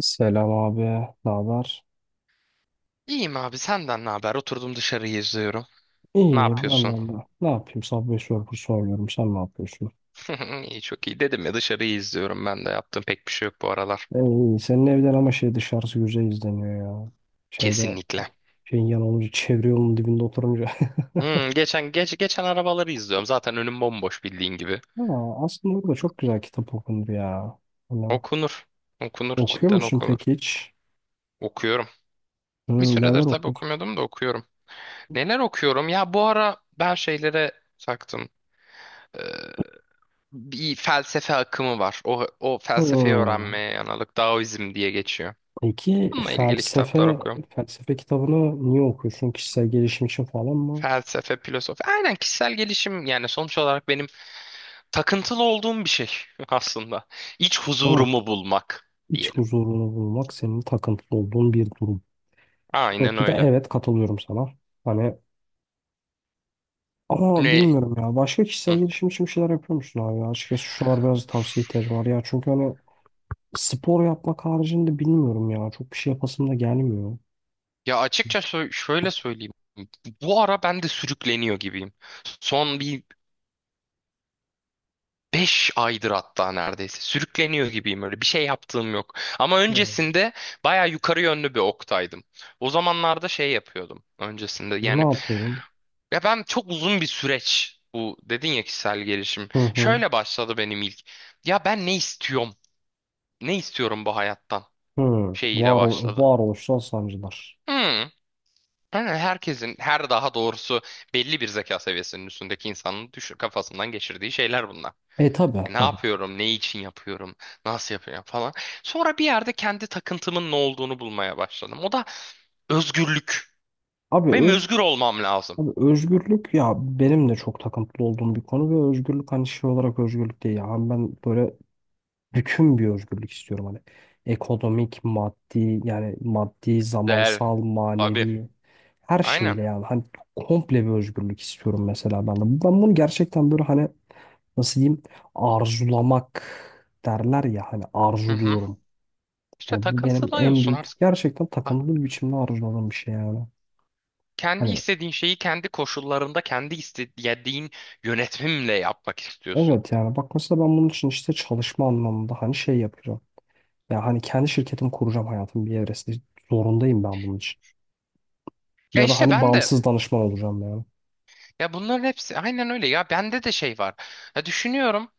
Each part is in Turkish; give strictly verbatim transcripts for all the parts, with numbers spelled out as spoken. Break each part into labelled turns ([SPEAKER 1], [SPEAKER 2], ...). [SPEAKER 1] Selam abi, ne haber?
[SPEAKER 2] İyiyim abi, senden ne haber? Oturdum dışarıyı izliyorum. Ne
[SPEAKER 1] İyi, ben de
[SPEAKER 2] yapıyorsun?
[SPEAKER 1] ne ne yapayım? Subway Surfer soruyorum, sen ne yapıyorsun?
[SPEAKER 2] İyi, çok iyi dedim ya, dışarıyı izliyorum, ben de yaptığım pek bir şey yok bu aralar.
[SPEAKER 1] E, İyi, senin evden ama şey dışarısı güzel izleniyor ya. Şeyde,
[SPEAKER 2] Kesinlikle.
[SPEAKER 1] şeyin yan olunca, çevre yolunun dibinde oturunca.
[SPEAKER 2] Hmm, geçen geç, geçen arabaları izliyorum. Zaten önüm bomboş, bildiğin gibi.
[SPEAKER 1] Ha, aslında orada çok güzel kitap okunur ya. Hani,
[SPEAKER 2] Okunur. Okunur,
[SPEAKER 1] okuyor
[SPEAKER 2] cidden
[SPEAKER 1] musun
[SPEAKER 2] okunur.
[SPEAKER 1] peki hiç?
[SPEAKER 2] Okuyorum. Bir
[SPEAKER 1] Hmm,
[SPEAKER 2] süredir
[SPEAKER 1] neler
[SPEAKER 2] tabii
[SPEAKER 1] okur?
[SPEAKER 2] okumuyordum da okuyorum. Neler okuyorum? Ya bu ara ben şeylere taktım. Ee, Bir felsefe akımı var. O, o felsefeyi
[SPEAKER 1] Hmm.
[SPEAKER 2] öğrenmeye yanalık, Daoizm diye geçiyor.
[SPEAKER 1] Peki
[SPEAKER 2] Bununla ilgili kitaplar
[SPEAKER 1] felsefe,
[SPEAKER 2] okuyorum.
[SPEAKER 1] felsefe kitabını niye okuyorsun? Kişisel gelişim için falan mı?
[SPEAKER 2] Felsefe, filozofi. Aynen, kişisel gelişim, yani sonuç olarak benim takıntılı olduğum bir şey aslında. İç huzurumu
[SPEAKER 1] Evet,
[SPEAKER 2] bulmak
[SPEAKER 1] iç
[SPEAKER 2] diyelim.
[SPEAKER 1] huzurunu bulmak senin takıntılı olduğun bir durum.
[SPEAKER 2] Aynen
[SPEAKER 1] Noktada
[SPEAKER 2] öyle.
[SPEAKER 1] evet katılıyorum sana. Hani ama
[SPEAKER 2] Ne?
[SPEAKER 1] bilmiyorum ya. Başka kişisel
[SPEAKER 2] Hı.
[SPEAKER 1] gelişim için bir şeyler yapıyor musun abi ya? Açıkçası şu biraz tavsiye ihtiyacım var ya. Çünkü hani spor yapmak haricinde bilmiyorum ya. Çok bir şey yapasım da gelmiyor.
[SPEAKER 2] Ya açıkça sö- şöyle söyleyeyim. Bu ara ben de sürükleniyor gibiyim. Son bir beş aydır hatta neredeyse. Sürükleniyor gibiyim öyle. Bir şey yaptığım yok. Ama
[SPEAKER 1] Hmm.
[SPEAKER 2] öncesinde baya yukarı yönlü bir oktaydım. O zamanlarda şey yapıyordum öncesinde.
[SPEAKER 1] Ne
[SPEAKER 2] Yani
[SPEAKER 1] yapıyorum?
[SPEAKER 2] ya ben çok uzun bir süreç bu dedin ya, kişisel gelişim.
[SPEAKER 1] Hı hı.
[SPEAKER 2] Şöyle başladı benim ilk. Ya ben ne istiyorum? Ne istiyorum bu hayattan?
[SPEAKER 1] Hı.
[SPEAKER 2] Şeyiyle
[SPEAKER 1] Var,
[SPEAKER 2] başladı.
[SPEAKER 1] varoluşsal sancılar.
[SPEAKER 2] Hmm. Yani herkesin her, daha doğrusu belli bir zeka seviyesinin üstündeki insanın düşür kafasından geçirdiği şeyler bunlar.
[SPEAKER 1] E tabi
[SPEAKER 2] E, ne
[SPEAKER 1] tabii.
[SPEAKER 2] yapıyorum, ne için yapıyorum, nasıl yapıyorum falan. Sonra bir yerde kendi takıntımın ne olduğunu bulmaya başladım. O da özgürlük.
[SPEAKER 1] Abi,
[SPEAKER 2] Benim
[SPEAKER 1] öz,
[SPEAKER 2] özgür olmam lazım.
[SPEAKER 1] abi özgürlük ya benim de çok takıntılı olduğum bir konu ve özgürlük hani şey olarak özgürlük değil ya. Hani ben böyle bütün bir özgürlük istiyorum hani ekonomik, maddi yani maddi,
[SPEAKER 2] Değer.
[SPEAKER 1] zamansal,
[SPEAKER 2] Abi.
[SPEAKER 1] manevi her
[SPEAKER 2] Aynen.
[SPEAKER 1] şeyle yani hani komple bir özgürlük istiyorum mesela ben de. Ben bunu gerçekten böyle hani nasıl diyeyim arzulamak derler ya hani
[SPEAKER 2] Hı hı.
[SPEAKER 1] arzuluyorum.
[SPEAKER 2] İşte
[SPEAKER 1] Hani bu benim en
[SPEAKER 2] takıntılıyorsun.
[SPEAKER 1] büyük
[SPEAKER 2] Ah,
[SPEAKER 1] gerçekten takıntılı bir biçimde arzuladığım bir şey yani.
[SPEAKER 2] kendi
[SPEAKER 1] Hani
[SPEAKER 2] istediğin şeyi kendi koşullarında kendi istediğin yönetimle yapmak istiyorsun.
[SPEAKER 1] evet yani bak mesela ben bunun için işte çalışma anlamında hani şey yapacağım. Ya hani kendi şirketimi kuracağım hayatım bir evresinde. Zorundayım ben bunun için.
[SPEAKER 2] Ya
[SPEAKER 1] Ya da
[SPEAKER 2] işte
[SPEAKER 1] hani
[SPEAKER 2] ben de,
[SPEAKER 1] bağımsız danışman olacağım yani.
[SPEAKER 2] ya bunların hepsi aynen öyle, ya bende de şey var. Ya düşünüyorum,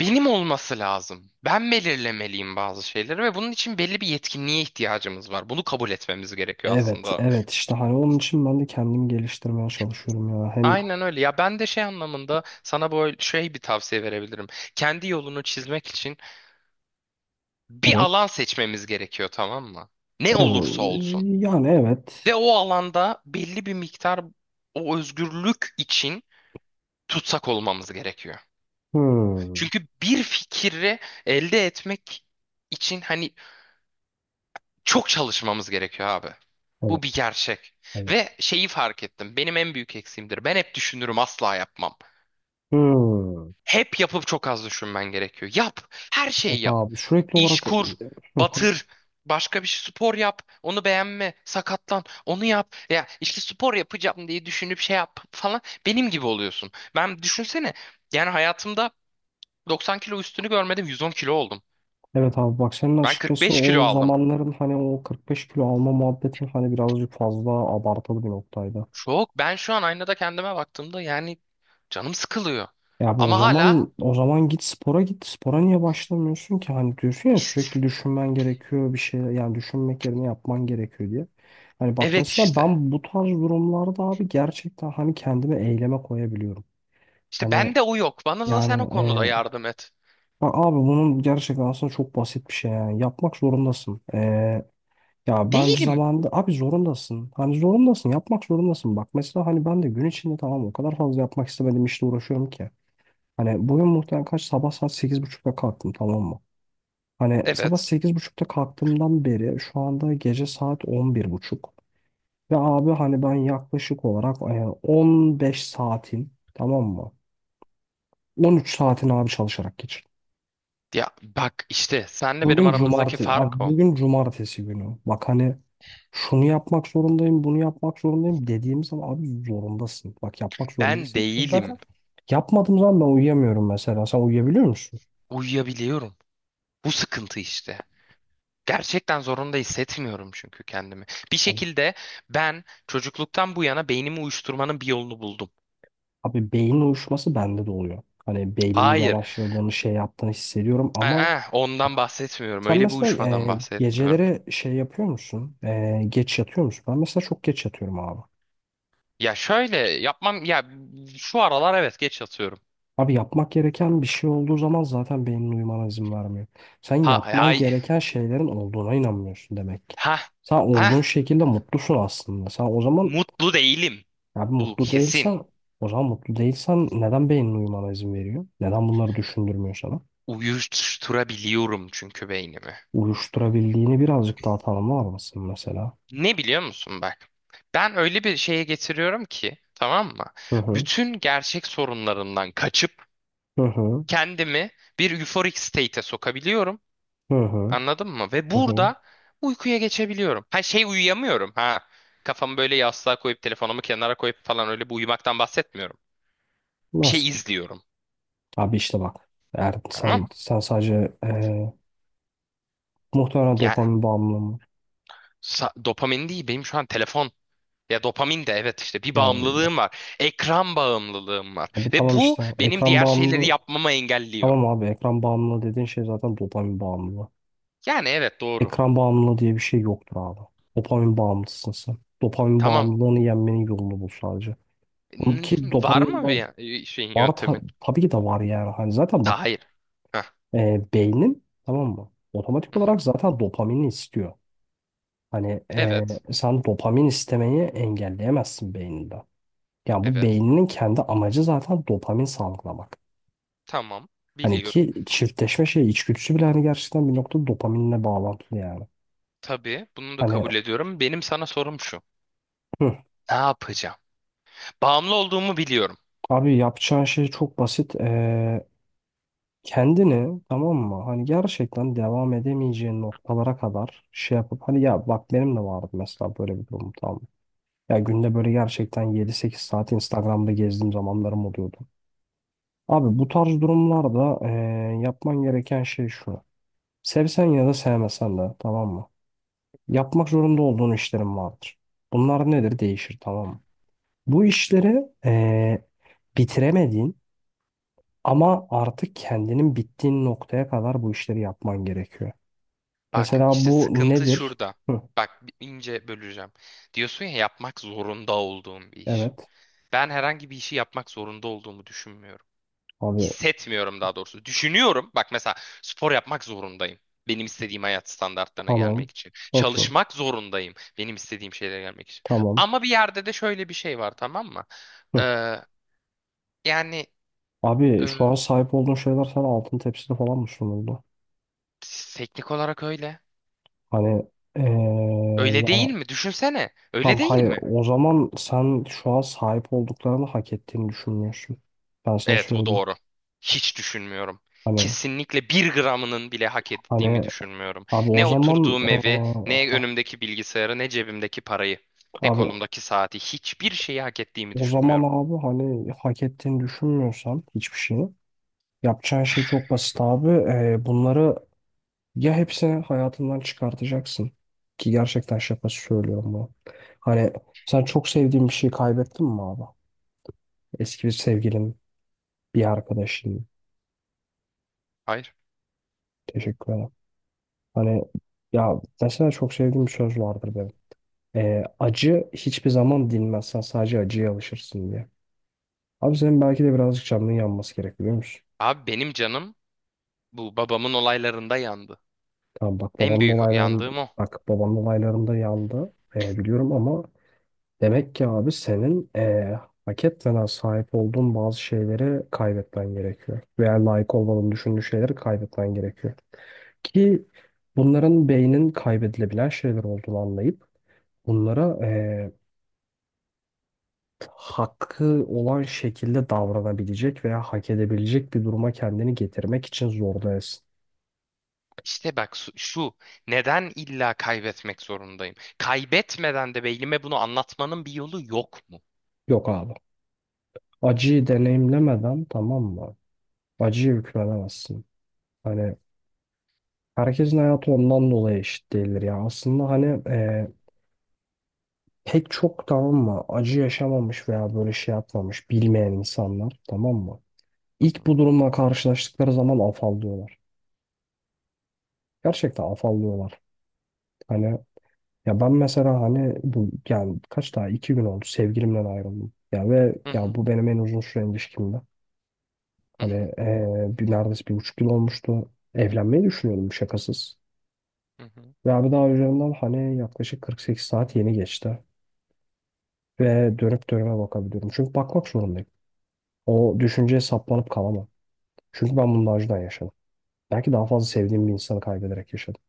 [SPEAKER 2] benim olması lazım. Ben belirlemeliyim bazı şeyleri ve bunun için belli bir yetkinliğe ihtiyacımız var. Bunu kabul etmemiz gerekiyor
[SPEAKER 1] Evet,
[SPEAKER 2] aslında.
[SPEAKER 1] evet işte hani onun için ben de kendimi geliştirmeye çalışıyorum ya. Hem
[SPEAKER 2] Aynen öyle, ya ben de şey anlamında sana böyle şey bir tavsiye verebilirim. Kendi yolunu çizmek için bir
[SPEAKER 1] evet,
[SPEAKER 2] alan seçmemiz gerekiyor, tamam mı? Ne
[SPEAKER 1] evet
[SPEAKER 2] olursa olsun.
[SPEAKER 1] yani
[SPEAKER 2] De
[SPEAKER 1] evet.
[SPEAKER 2] o alanda belli bir miktar o özgürlük için tutsak olmamız gerekiyor.
[SPEAKER 1] Hmm,
[SPEAKER 2] Çünkü bir fikri elde etmek için hani çok çalışmamız gerekiyor abi.
[SPEAKER 1] evet,
[SPEAKER 2] Bu bir gerçek.
[SPEAKER 1] evet.
[SPEAKER 2] Ve şeyi fark ettim. Benim en büyük eksiğimdir. Ben hep düşünürüm, asla yapmam.
[SPEAKER 1] Hmm.
[SPEAKER 2] Hep yapıp çok az düşünmen gerekiyor. Yap. Her
[SPEAKER 1] Evet
[SPEAKER 2] şeyi yap.
[SPEAKER 1] abi sürekli
[SPEAKER 2] İş
[SPEAKER 1] olarak
[SPEAKER 2] kur. Batır. Başka bir şey, spor yap. Onu beğenme. Sakatlan. Onu yap. Ya işte spor yapacağım diye düşünüp şey yap falan. Benim gibi oluyorsun. Ben düşünsene. Yani hayatımda doksan kilo üstünü görmedim. yüz on kilo oldum.
[SPEAKER 1] evet. Abi bak senin
[SPEAKER 2] Ben
[SPEAKER 1] açıkçası
[SPEAKER 2] kırk beş kilo
[SPEAKER 1] o
[SPEAKER 2] aldım.
[SPEAKER 1] zamanların hani o kırk beş kilo alma muhabbeti hani birazcık fazla abartılı bir noktaydı.
[SPEAKER 2] Çok. Ben şu an aynada kendime baktığımda yani canım sıkılıyor.
[SPEAKER 1] Ya bu o
[SPEAKER 2] Ama hala
[SPEAKER 1] zaman o zaman git spora git. Spora niye başlamıyorsun ki? Hani diyorsun ya
[SPEAKER 2] işte.
[SPEAKER 1] sürekli düşünmen gerekiyor bir şey yani düşünmek yerine yapman gerekiyor diye. Hani bak
[SPEAKER 2] Evet,
[SPEAKER 1] mesela
[SPEAKER 2] işte.
[SPEAKER 1] ben bu tarz durumlarda abi gerçekten hani kendimi eyleme koyabiliyorum.
[SPEAKER 2] İşte
[SPEAKER 1] Hani
[SPEAKER 2] bende o yok. Bana da sen o
[SPEAKER 1] yani
[SPEAKER 2] konuda
[SPEAKER 1] e,
[SPEAKER 2] yardım et.
[SPEAKER 1] bak abi bunun gerçekten aslında çok basit bir şey yani. Yapmak zorundasın. E, ya ben
[SPEAKER 2] Değilim.
[SPEAKER 1] zamanında abi zorundasın. Hani zorundasın yapmak zorundasın. Bak mesela hani ben de gün içinde tamam o kadar fazla yapmak istemediğim işle uğraşıyorum ki. Hani bugün muhtemelen kaç sabah saat sekiz buçukta kalktım tamam mı? Hani sabah
[SPEAKER 2] Evet.
[SPEAKER 1] sekiz buçukta kalktığımdan beri şu anda gece saat on bir buçuk. Ve abi hani ben yaklaşık olarak e, on beş saatin tamam mı? On üç saatin abi çalışarak geçirdim.
[SPEAKER 2] Ya bak, işte senle benim
[SPEAKER 1] Bugün
[SPEAKER 2] aramızdaki
[SPEAKER 1] cumartesi,
[SPEAKER 2] fark
[SPEAKER 1] abi
[SPEAKER 2] o.
[SPEAKER 1] bugün cumartesi günü. Bak hani şunu yapmak zorundayım, bunu yapmak zorundayım dediğim zaman abi zorundasın. Bak yapmak
[SPEAKER 2] Ben
[SPEAKER 1] zorundasın. Çünkü zaten
[SPEAKER 2] değilim.
[SPEAKER 1] yapmadığım zaman ben uyuyamıyorum mesela. Sen uyuyabiliyor musun?
[SPEAKER 2] Uyuyabiliyorum. Bu sıkıntı işte. Gerçekten zorunda hissetmiyorum çünkü kendimi. Bir şekilde ben çocukluktan bu yana beynimi uyuşturmanın bir yolunu buldum.
[SPEAKER 1] Abi beyin uyuşması bende de oluyor. Hani beynimin
[SPEAKER 2] Hayır.
[SPEAKER 1] yavaşladığını şey yaptığını hissediyorum ama
[SPEAKER 2] Aa,
[SPEAKER 1] bak,
[SPEAKER 2] ondan bahsetmiyorum.
[SPEAKER 1] sen
[SPEAKER 2] Öyle bir
[SPEAKER 1] mesela
[SPEAKER 2] uyuşmadan
[SPEAKER 1] e,
[SPEAKER 2] bahsetmiyorum.
[SPEAKER 1] geceleri şey yapıyor musun? E, geç yatıyor musun? Ben mesela çok geç yatıyorum abi.
[SPEAKER 2] Ya şöyle yapmam ya, şu aralar evet geç yatıyorum.
[SPEAKER 1] Abi yapmak gereken bir şey olduğu zaman zaten beynin uyumana izin vermiyor. Sen
[SPEAKER 2] Ha
[SPEAKER 1] yapman
[SPEAKER 2] hay
[SPEAKER 1] gereken şeylerin olduğuna inanmıyorsun demek ki.
[SPEAKER 2] ha
[SPEAKER 1] Sen
[SPEAKER 2] ha
[SPEAKER 1] olduğun şekilde mutlusun aslında. Sen o zaman
[SPEAKER 2] mutlu değilim.
[SPEAKER 1] abi
[SPEAKER 2] Bu
[SPEAKER 1] mutlu
[SPEAKER 2] kesin.
[SPEAKER 1] değilsen, o zaman mutlu değilsen neden beynin uyumana izin veriyor? Neden bunları düşündürmüyor sana?
[SPEAKER 2] Uyuşturabiliyorum çünkü beynimi.
[SPEAKER 1] Uyuşturabildiğini birazcık daha tanımlar mısın mesela?
[SPEAKER 2] Ne biliyor musun bak? Ben öyle bir şeye getiriyorum ki, tamam mı?
[SPEAKER 1] Hı hı.
[SPEAKER 2] Bütün gerçek sorunlarından kaçıp
[SPEAKER 1] Hı hı.
[SPEAKER 2] kendimi bir euphoric state'e sokabiliyorum.
[SPEAKER 1] Hı hı.
[SPEAKER 2] Anladın mı? Ve
[SPEAKER 1] Hı hı.
[SPEAKER 2] burada uykuya geçebiliyorum. Ha şey, uyuyamıyorum ha. Kafamı böyle yastığa koyup telefonumu kenara koyup falan öyle bir uyumaktan bahsetmiyorum. Bir
[SPEAKER 1] Nasıl?
[SPEAKER 2] şey izliyorum.
[SPEAKER 1] Abi işte bak. Eğer
[SPEAKER 2] Tamam.
[SPEAKER 1] sen, sen sadece eee muhtemelen
[SPEAKER 2] Ya
[SPEAKER 1] dopamin bağımlılığı mı?
[SPEAKER 2] sa- dopamin değil benim şu an telefon. Ya dopamin de evet, işte bir
[SPEAKER 1] Yani bak.
[SPEAKER 2] bağımlılığım var. Ekran bağımlılığım var.
[SPEAKER 1] Bu
[SPEAKER 2] Ve
[SPEAKER 1] tamam
[SPEAKER 2] bu
[SPEAKER 1] işte.
[SPEAKER 2] benim
[SPEAKER 1] Ekran
[SPEAKER 2] diğer şeyleri
[SPEAKER 1] bağımlılığı.
[SPEAKER 2] yapmamı engelliyor.
[SPEAKER 1] Tamam abi ekran bağımlılığı dediğin şey zaten dopamin bağımlılığı.
[SPEAKER 2] Yani evet, doğru.
[SPEAKER 1] Ekran bağımlılığı diye bir şey yoktur abi. Dopamin bağımlısın sen. Dopamin
[SPEAKER 2] Tamam.
[SPEAKER 1] bağımlılığını yenmenin yolunu bul sadece. Bunun
[SPEAKER 2] N-
[SPEAKER 1] ki
[SPEAKER 2] var
[SPEAKER 1] dopamin
[SPEAKER 2] mı bir
[SPEAKER 1] bağ-
[SPEAKER 2] ya- şeyin,
[SPEAKER 1] var ta-
[SPEAKER 2] yöntemin?
[SPEAKER 1] tabii ki de var yani. Hani zaten
[SPEAKER 2] Ta-
[SPEAKER 1] bak.
[SPEAKER 2] hayır. Heh.
[SPEAKER 1] E, beynin tamam mı? Otomatik
[SPEAKER 2] Hı hı.
[SPEAKER 1] olarak zaten dopamini istiyor. Hani e,
[SPEAKER 2] Evet.
[SPEAKER 1] sen dopamin istemeyi engelleyemezsin beyninde. Yani bu
[SPEAKER 2] Evet.
[SPEAKER 1] beyninin kendi amacı zaten dopamin salgılamak.
[SPEAKER 2] Tamam.
[SPEAKER 1] Hani
[SPEAKER 2] Biliyorum.
[SPEAKER 1] ki çiftleşme şey içgüdüsü bile hani gerçekten bir noktada dopaminle bağlantılı yani.
[SPEAKER 2] Tabii bunu da
[SPEAKER 1] Hani
[SPEAKER 2] kabul ediyorum. Benim sana sorum şu.
[SPEAKER 1] hı,
[SPEAKER 2] Ne yapacağım? Bağımlı olduğumu biliyorum.
[SPEAKER 1] abi yapacağın şey çok basit. E, kendini tamam mı? Hani gerçekten devam edemeyeceğin noktalara kadar şey yapıp hani ya bak benim de vardı mesela böyle bir durum tamam. Ya günde böyle gerçekten yedi sekiz saat Instagram'da gezdiğim zamanlarım oluyordu. Abi bu tarz durumlarda eee, yapman gereken şey şu. Sevsen ya da sevmesen de tamam mı? Yapmak zorunda olduğun işlerin vardır. Bunlar nedir? Değişir tamam mı? Bu işleri eee, bitiremediğin ama artık kendinin bittiğin noktaya kadar bu işleri yapman gerekiyor.
[SPEAKER 2] Bak
[SPEAKER 1] Mesela
[SPEAKER 2] işte
[SPEAKER 1] bu
[SPEAKER 2] sıkıntı
[SPEAKER 1] nedir?
[SPEAKER 2] şurada.
[SPEAKER 1] Hı,
[SPEAKER 2] Bak, ince böleceğim. Diyorsun ya, yapmak zorunda olduğum bir iş.
[SPEAKER 1] evet.
[SPEAKER 2] Ben herhangi bir işi yapmak zorunda olduğumu düşünmüyorum.
[SPEAKER 1] Abi
[SPEAKER 2] Hissetmiyorum daha doğrusu. Düşünüyorum. Bak mesela spor yapmak zorundayım. Benim istediğim hayat standartlarına
[SPEAKER 1] tamam.
[SPEAKER 2] gelmek için.
[SPEAKER 1] Okey.
[SPEAKER 2] Çalışmak zorundayım. Benim istediğim şeylere gelmek için.
[SPEAKER 1] Tamam.
[SPEAKER 2] Ama bir yerde de şöyle bir şey var, tamam mı?
[SPEAKER 1] Hı.
[SPEAKER 2] Ee, yani e,
[SPEAKER 1] Abi şu an sahip olduğun şeyler sana altın tepside falan mı sunuldu?
[SPEAKER 2] teknik olarak öyle.
[SPEAKER 1] Hani eee,
[SPEAKER 2] Öyle
[SPEAKER 1] yani
[SPEAKER 2] değil mi? Düşünsene. Öyle
[SPEAKER 1] tam
[SPEAKER 2] değil
[SPEAKER 1] hayır,
[SPEAKER 2] mi?
[SPEAKER 1] o zaman sen şu an sahip olduklarını hak ettiğini düşünmüyorsun. Ben sana
[SPEAKER 2] Evet, bu
[SPEAKER 1] söyleyeyim.
[SPEAKER 2] doğru. Hiç düşünmüyorum.
[SPEAKER 1] Hani
[SPEAKER 2] Kesinlikle bir gramının bile hak ettiğimi
[SPEAKER 1] hani
[SPEAKER 2] düşünmüyorum.
[SPEAKER 1] abi o
[SPEAKER 2] Ne
[SPEAKER 1] zaman
[SPEAKER 2] oturduğum evi,
[SPEAKER 1] eee,
[SPEAKER 2] ne
[SPEAKER 1] ha,
[SPEAKER 2] önümdeki bilgisayarı, ne cebimdeki parayı, ne
[SPEAKER 1] abi
[SPEAKER 2] kolumdaki saati. Hiçbir şeyi hak ettiğimi
[SPEAKER 1] o zaman
[SPEAKER 2] düşünmüyorum.
[SPEAKER 1] abi hani hak ettiğini düşünmüyorsan hiçbir şeyi yapacağın şey çok basit abi. Eee, bunları ya hepsini hayatından çıkartacaksın ki gerçekten şakası söylüyorum bu. Hani sen çok sevdiğin bir şeyi kaybettin mi abi? Eski bir sevgilin, bir arkadaşın.
[SPEAKER 2] Hayır.
[SPEAKER 1] Teşekkür ederim. Hani ya mesela çok sevdiğim bir söz vardır benim. Ee, acı hiçbir zaman dinmez. Sen sadece acıya alışırsın diye. Abi senin belki de birazcık canının yanması gerek biliyor musun?
[SPEAKER 2] Abi benim canım bu babamın olaylarında yandı.
[SPEAKER 1] Tamam bak
[SPEAKER 2] En
[SPEAKER 1] babamın
[SPEAKER 2] büyük
[SPEAKER 1] olaylarında
[SPEAKER 2] yandığım o.
[SPEAKER 1] bak babamın olaylarında yandı. Ee, biliyorum ama demek ki abi senin eee hak etmeden sahip olduğun bazı şeyleri kaybetmen gerekiyor. Veya layık olmadığını düşündüğün şeyleri kaybetmen gerekiyor. Ki bunların beynin kaybedilebilen şeyler olduğunu anlayıp bunlara eee, hakkı olan şekilde davranabilecek veya hak edebilecek bir duruma kendini getirmek için zorlayasın.
[SPEAKER 2] İşte bak su- şu, neden illa kaybetmek zorundayım? Kaybetmeden de beynime bunu anlatmanın bir yolu yok mu?
[SPEAKER 1] Yok abi. Acıyı deneyimlemeden tamam mı? Acıyı hükmedemezsin. Hani herkesin hayatı ondan dolayı eşit değildir ya. Aslında hani eee, pek çok tamam mı acı yaşamamış veya böyle şey yapmamış bilmeyen insanlar tamam mı?
[SPEAKER 2] Hı
[SPEAKER 1] İlk
[SPEAKER 2] hı.
[SPEAKER 1] bu durumla karşılaştıkları zaman afallıyorlar. Gerçekten afallıyorlar. Hani ya ben mesela hani bu yani kaç daha iki gün oldu sevgilimden ayrıldım. Ya ve
[SPEAKER 2] Hı
[SPEAKER 1] ya
[SPEAKER 2] hı.
[SPEAKER 1] bu benim en uzun süren ilişkimdi.
[SPEAKER 2] Hı
[SPEAKER 1] Hani
[SPEAKER 2] hı.
[SPEAKER 1] eee, bir neredeyse bir buçuk yıl olmuştu. Evlenmeyi düşünüyordum şakasız.
[SPEAKER 2] Hı hı.
[SPEAKER 1] Ve abi daha üzerinden hani yaklaşık kırk sekiz saat yeni geçti. Ve dönüp dönüme bakabiliyorum. Çünkü bakmak zorundayım. O düşünceye saplanıp kalamam. Çünkü ben bunun acıdan yaşadım. Belki daha fazla sevdiğim bir insanı kaybederek yaşadım.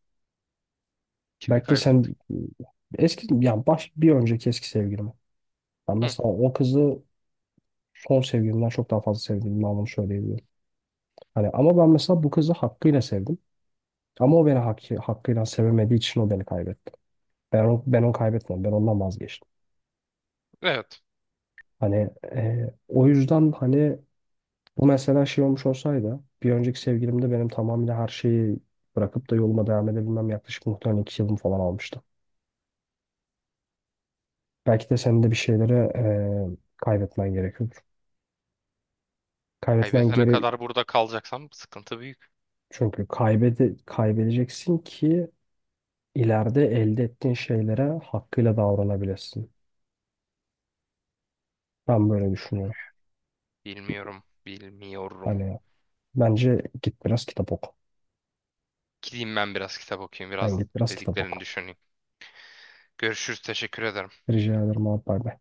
[SPEAKER 2] Kimi
[SPEAKER 1] Belki de
[SPEAKER 2] kaybettik?
[SPEAKER 1] sen eski yani baş bir önceki eski sevgilimi. Ben
[SPEAKER 2] Hı.
[SPEAKER 1] mesela o kızı son sevgilimden çok daha fazla sevdiğimi anlamı söyleyebilirim. Hani ama ben mesela bu kızı hakkıyla sevdim. Ama o beni hakkı, hakkıyla sevemediği için o beni kaybetti. Ben, o- ben onu kaybetmedim. Ben ondan vazgeçtim.
[SPEAKER 2] Evet.
[SPEAKER 1] Hani e, o yüzden hani bu mesela şey olmuş olsaydı bir önceki sevgilimde benim tamamıyla her şeyi bırakıp da yoluma devam edebilmem yaklaşık muhtemelen iki yılım falan almıştı. Belki de senin de bir şeylere eee, kaybetmen gerekiyordur. Kaybetmen
[SPEAKER 2] Kaybetene
[SPEAKER 1] geri
[SPEAKER 2] kadar burada kalacaksam sıkıntı büyük.
[SPEAKER 1] Çünkü kaybede kaybedeceksin ki ileride elde ettiğin şeylere hakkıyla davranabilirsin. Ben böyle düşünüyorum.
[SPEAKER 2] Bilmiyorum. Bilmiyorum.
[SPEAKER 1] Hani bence git biraz kitap oku.
[SPEAKER 2] Gideyim ben biraz kitap okuyayım.
[SPEAKER 1] Ben
[SPEAKER 2] Biraz
[SPEAKER 1] git biraz kitap
[SPEAKER 2] dediklerini
[SPEAKER 1] oku.
[SPEAKER 2] düşüneyim. Görüşürüz. Teşekkür ederim.
[SPEAKER 1] Rica ederim abi bay bay.